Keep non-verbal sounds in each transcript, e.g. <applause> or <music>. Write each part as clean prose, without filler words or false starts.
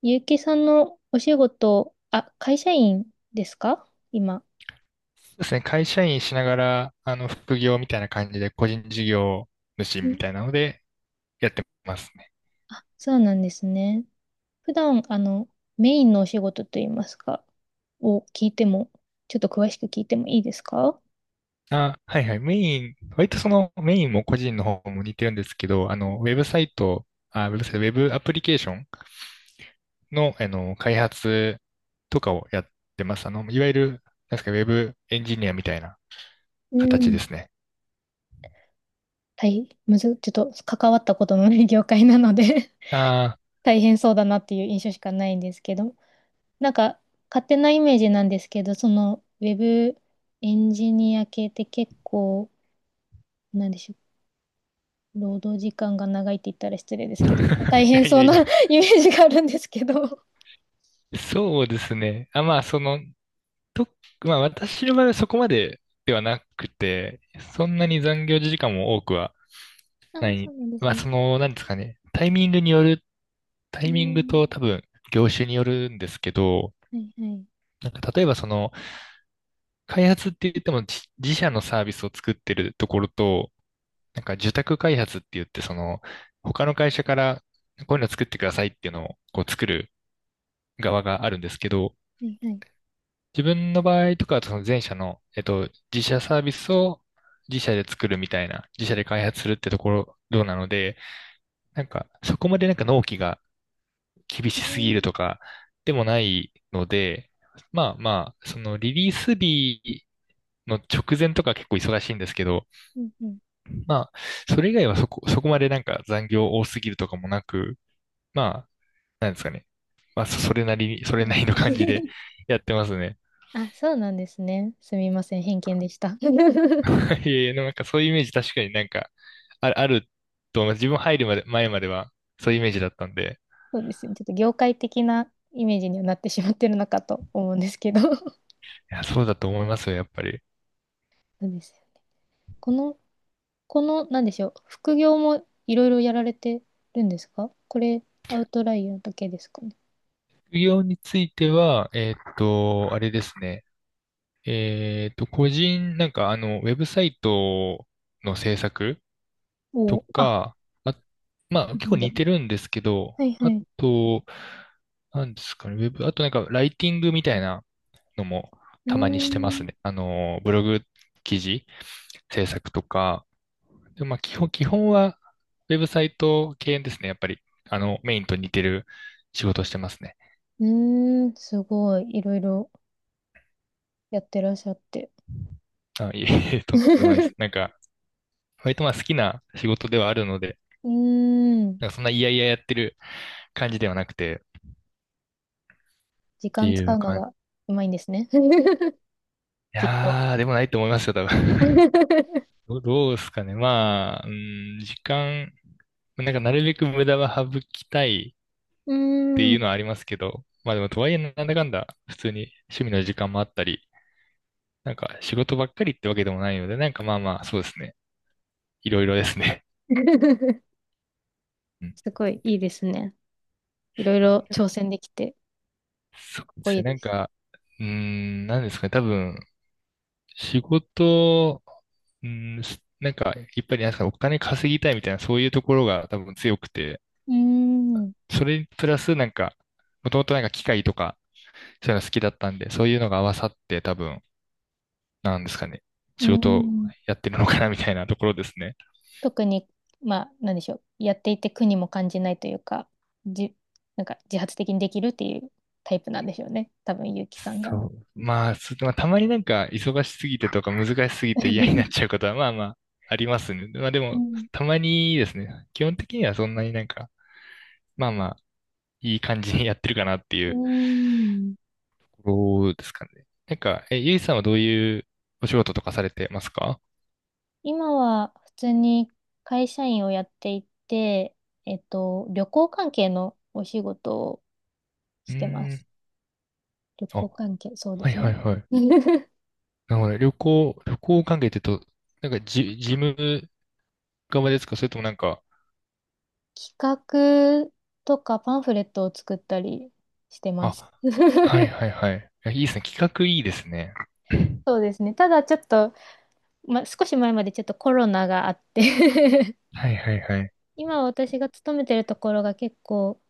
ゆうきさんのお仕事、会社員ですか今。そうですね。会社員しながら、副業みたいな感じで、個人事業主うみん。たいなので、やってますね。あ、そうなんですね。普段、メインのお仕事といいますか、を聞いても、ちょっと詳しく聞いてもいいですか。あ、はいはい。メイン、割とそのメインも個人の方も似てるんですけど、ウェブサイト、あ、ウェブサイト、ウェブアプリケーションの、開発とかをやってます。いわゆる、なんですか、ウェブエンジニアみたいなう形でん。すね。大むず、ちょっと関わったことのない業界なので <laughs> あ大変そうだなっていう印象しかないんですけど、なんか、勝手なイメージなんですけど、その、ウェブエンジニア系って結構、なんでしょう、労働時間が長いって言ったら失礼ですけど、結構大あ、い変やいそやういな や、<laughs> イメージがあるんですけど。そうですね。あ、まあ、と、まあ私の場合はそこまでではなくて、そんなに残業時間も多くはあなあ、そい。うなんですまあね。なんですかね、タうイミングん。と多分業種によるんですけど、はいはい。なんか例えばその開発って言っても自社のサービスを作ってるところと、なんか受託開発って言ってその他の会社からこういうの作ってくださいっていうのをこう作る側があるんですけど、はいはい。自分の場合とかは、その前者の、自社サービスを自社で作るみたいな、自社で開発するってところ、どうなので、なんか、そこまでなんか納期が厳うしすぎるとん。か、でもないので、まあまあ、そのリリース日の直前とか結構忙しいんですけど、うんうん。まあ、それ以外はそこまでなんか残業多すぎるとかもなく、まあ、なんですかね。まあ、そ <laughs> それうなりのです感じでね。 やってますね。<laughs> あ、そうなんですね。すみません。偏見でした。<laughs> そ <laughs> いやいや、でもなんかそういうイメージ確かになんか、あると思います。自分入るまで、前まではそういうイメージだったんで、うですね。ちょっと業界的なイメージにはなってしまってるのかと思うんですけど。<laughs> いや、そうだと思いますよ、やっぱり。そうですよね。この、この、なんでしょう。副業もいろいろやられてるんですかこれ、アウトライヤーだけですかね。副業については、あれですね。個人、ウェブサイトの制作おとお、あ、か、あ、ま個あ結構人で似も。てるんですけど、はいはあい。と、なんですかね、ウェブ、あとなんかライティングみたいなのもうーたまにしてますん。ね。ブログ記事制作とか、でもまあ基本はウェブサイト系ですね、やっぱり。メインと似てる仕事してますね。うーん、すごい、いろいろやってらっしゃって。あ、いえいえ、<laughs> <laughs> とんでもないでうす。なんか、割とまあ好きな仕事ではあるので、ーん、なんかそんな嫌々やってる感じではなくて、時って間い使ううの感じ。がうまいんですね。<laughs> いきっと。やー、でもないと思いますよ、多 <laughs> う分。<laughs> どうですかね。まあ、うん、なんかなるべく無駄は省きたいーっていうん。のはありますけど、まあでもとはいえなんだかんだ普通に趣味の時間もあったり、なんか仕事ばっかりってわけでもないので、なんかまあまあ、そうですね。いろいろですね。<laughs> うん。すごいいいですね。いろいろ挑戦できて、そうかっでこいすいね。なでんす。か、なんですかね。多分、仕事、なんか、やっぱりなんですかお金稼ぎたいみたいな、そういうところが多分強くて、うーん。うそれにプラスなんか、もともとなんか機械とか、そういうの好きだったんで、そういうのが合わさって多分、なんですかね。ー仕事をん。やってるのかなみたいなところですね。特に、まあ、なんでしょう。やっていて苦にも感じないというか、じ、なんか自発的にできるっていうタイプなんでしょうね。多分、ゆうきさんが。そう。まあ、まあ、たまになんか忙しすぎてとか難しすぎて嫌になっちゃう <laughs> ことはまあまあありますね。まあでうも、ん。たまにですね。基本的にはそんなになんか、まあまあ、いい感じにやってるかなっていうーうん。ところですかね。なんか、ゆいさんはどういうお仕事とかされてますか？今は普通に会社員をやっていて、えっと、旅行関係のお仕事をうしてまーす。ん。旅あ、行関係、そうではいすはいね。はい。<laughs> なるほどね。旅行関係って言うと、なんか事務側ですか？それともなんか、企画とかパンフレットを作ったりしてます。あ、はい <laughs> はいはい。いやいいですね。企画いいですね。<coughs> そうですね。ただちょっと、ま、少し前までちょっとコロナがあって <laughs> <clears throat> はいはいはい。今私が勤めてるところが結構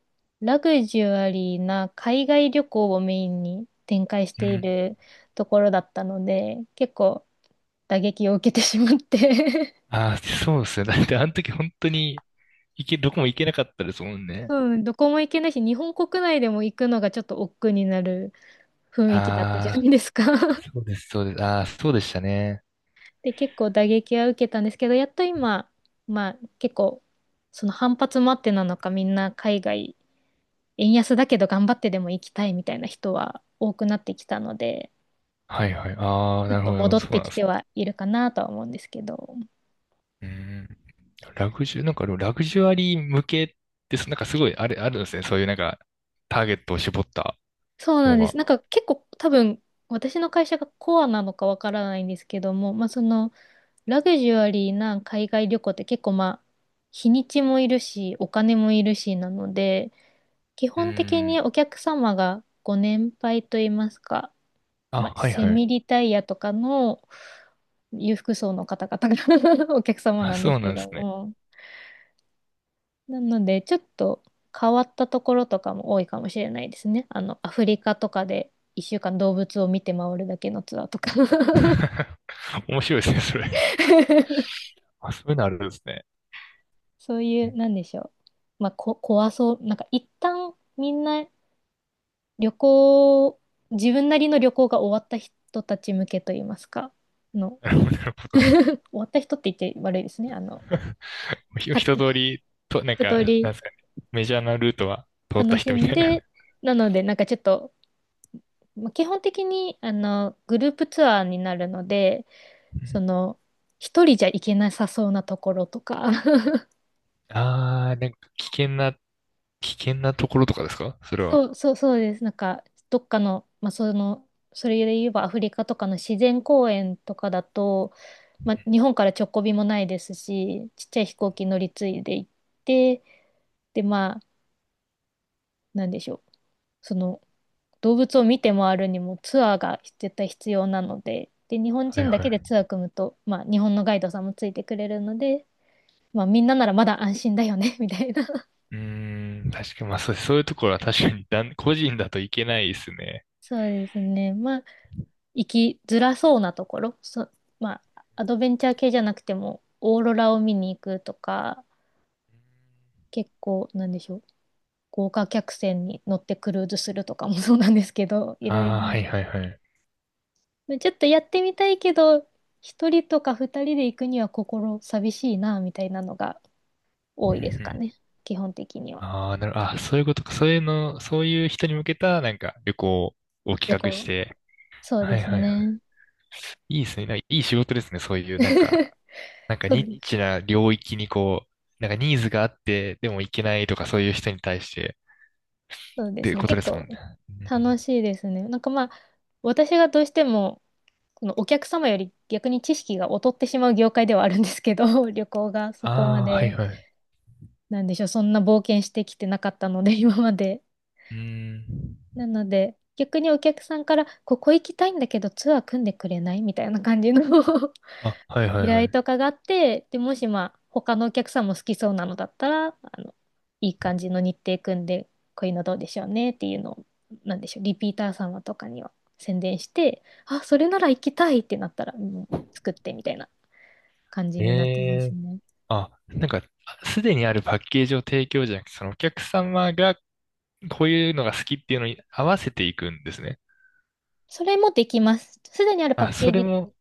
ラグジュアリーな海外旅行をメインに展開しうていん。るところだったので、結構打撃を受けてしまって ああ、そうですね。だってあの時本当にどこも行けなかったですもん <laughs> ね。うん、どこも行けないし、日本国内でも行くのがちょっと億劫になる雰囲気だったじゃなああ、いですか。 そうです、そうです。ああ、そうでしたね。<laughs> で、結構打撃は受けたんですけど、やっと今、まあ結構その反発もあってなのかみんな海外円安だけど頑張ってでも行きたいみたいな人は多くなってきたので、はいはい。ああ、ちょなっるほとど、なるほ戻ど。っそうてなんきでてす。はいるかなとは思うんですけど。うん。ラグジュ、なんかでもラグジュアリー向けって、なんかすごいあるんですね。そういうなんかターゲットを絞ったそうなのんでが。す。なんか結構多分私の会社がコアなのかわからないんですけども、まあそのラグジュアリーな海外旅行って結構まあ日にちもいるしお金もいるしなので、基う本的ん。にお客様がご年配といいますか、あ、まあ、はいセはい。ミリタイヤとかの裕福層の方々が <laughs> お客様あ、なんでそすうけなんでどすね。も。なので、ちょっと変わったところとかも多いかもしれないですね。あの、アフリカとかで1週間動物を見て回るだけのツアーとか。 <laughs> 面白いですね、それ。<laughs> あ、そういうのあるんですね。そういうう、んなんでしょう。まあ、怖そう。なんか一旦みんな旅行、自分なりの旅行が終わった人たち向けといいますか、の、なるほど、なるほ終わった人って言って悪いですね。あの、ど。<laughs> さ一通り、なん一か、通なりんですかね、メジャーなルートは通った楽し人みんたいな。で、なので、なんかちょっと、まあ基本的にあのグループツアーになるので、その、一人じゃ行けなさそうなところとか。<laughs> ああ、なんか危険なところとかですか？それは。そうそうそうです。なんか、どっかの、まあ、その、それで言えばアフリカとかの自然公園とかだと、まあ、日本から直行便もないですし、ちっちゃい飛行機乗り継いで行って、で、まあ、なんでしょう。その、動物を見て回るにもツアーが絶対必要なので、で、日本はい人だはけでツアい。ー組むと、まあ、日本のガイドさんもついてくれるので、まあ、みんなならまだ安心だよね、<laughs> みたいな。<laughs> うーん、確かに、まあそういうところは確かに個人だといけないですね。そうですね。まあ、生きづらそうなところ、そ、まあ、アドベンチャー系じゃなくても、オーロラを見に行くとか、結構、なんでしょう、豪華客船に乗ってクルーズするとかも <laughs> そうなんですけど、<laughs> いあろいろ。あ、はいはいはい。ちょっとやってみたいけど、一人とか二人で行くには心寂しいな、みたいなのがうん多ういですかんね。基本的には。ああ、なる、あ、そういうことか。そういうの、そういう人に向けた、なんか、旅行を企旅画行しは。て。そうはでいすはいはね。い。いいですね。なんかいい仕事ですね。そういう、な <laughs> んか、なんかそう、ニッチ <laughs> な領域にこう、なんかニーズがあって、でも行けないとかそういう人に対して、そうっでていすうね。こと結ですも構んね。うん。楽しいですね。なんかまあ、私がどうしても、そのお客様より逆に知識が劣ってしまう業界ではあるんですけど、<laughs> 旅行がそこまああ、はいで、はい。なんでしょう、そんな冒険してきてなかったので、今まで。うん。なので、逆にお客さんから、ここ行きたいんだけど、ツアー組んでくれないみたいな感じの <laughs> あ、はいは依いは頼い。とかがあって、で、もしまあ、他のお客さんも好きそうなのだったら、あの、いい感じの日程組んで、こういうのどうでしょうねっていうのを、なんでしょう、リピーター様とかには宣伝して、あ、それなら行きたいってなったら、もう作ってみたいな。感じえになってますえね。あ、なんか、すでにあるパッケージを提供じゃなくて、そのお客様がこういうのが好きっていうのに合わせていくんですね。それもできます。すでにあるパあ、ッケそーれジも、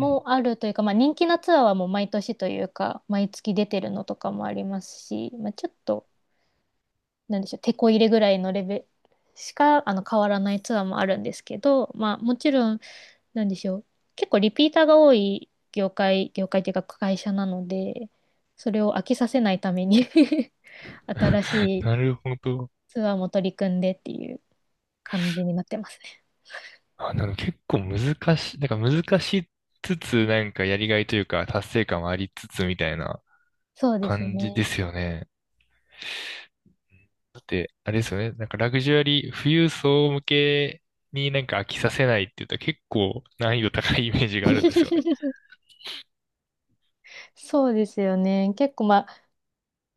うん。 あるというか、まあ、人気なツアーはもう毎年というか、毎月出てるのとかもありますし、まあ、ちょっと、なんでしょう、手こ入れぐらいのレベルしかあの変わらないツアーもあるんですけど、まあ、もちろん、なんでしょう、結構リピーターが多い業界、業界というか会社なので、それを飽きさせないために <laughs> 新し <laughs> いなるほど。ツアーも取り組んでっていう感じになってますね。あ、なんか結構難しい、なんか難しつつ、なんかやりがいというか達成感はありつつみたいな。そうです感じでね。すよね。だって、あれですよね。なんかラグジュアリー、富裕層向けになんか飽きさせないって言ったら結構難易度高いイメージがあるんですよね。<laughs> そうですよね。結構まあ、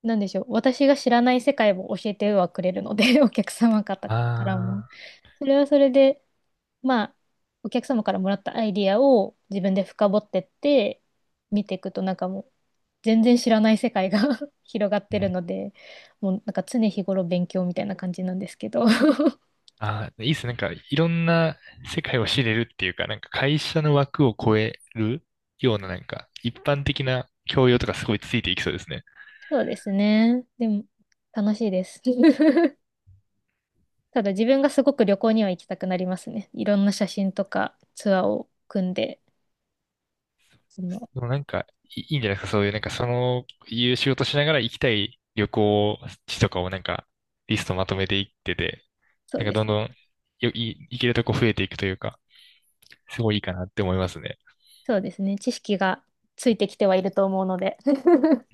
なんでしょう。私が知らない世界を教えてはくれるので、<laughs> お客様方からも。ああ、それはそれで、まあ、お客様からもらったアイディアを自分で深掘ってって、見ていくとなんかもう、全然知らない世界が <laughs> 広がっうてるん。ので、もうなんか常日頃勉強みたいな感じなんですけど。<laughs> ああ、いいっすね。なんかいろんな世界を知れるっていうか、なんか会社の枠を超えるようななんか一般的な教養とかすごいついていきそうですね。そうですね。でも、楽しいです。<laughs> ただ自分がすごく旅行には行きたくなりますね。いろんな写真とかツアーを組んで。その、でもなんか、いいいんじゃないですか、そういう、いう仕事しながら行きたい旅行地とかをなんか、リストまとめていってて、そうなんかでどんすどんね。行けるとこ増えていくというか、すごいいいかなって思いますね。そうですね。知識がついてきてはいると思うので。<laughs>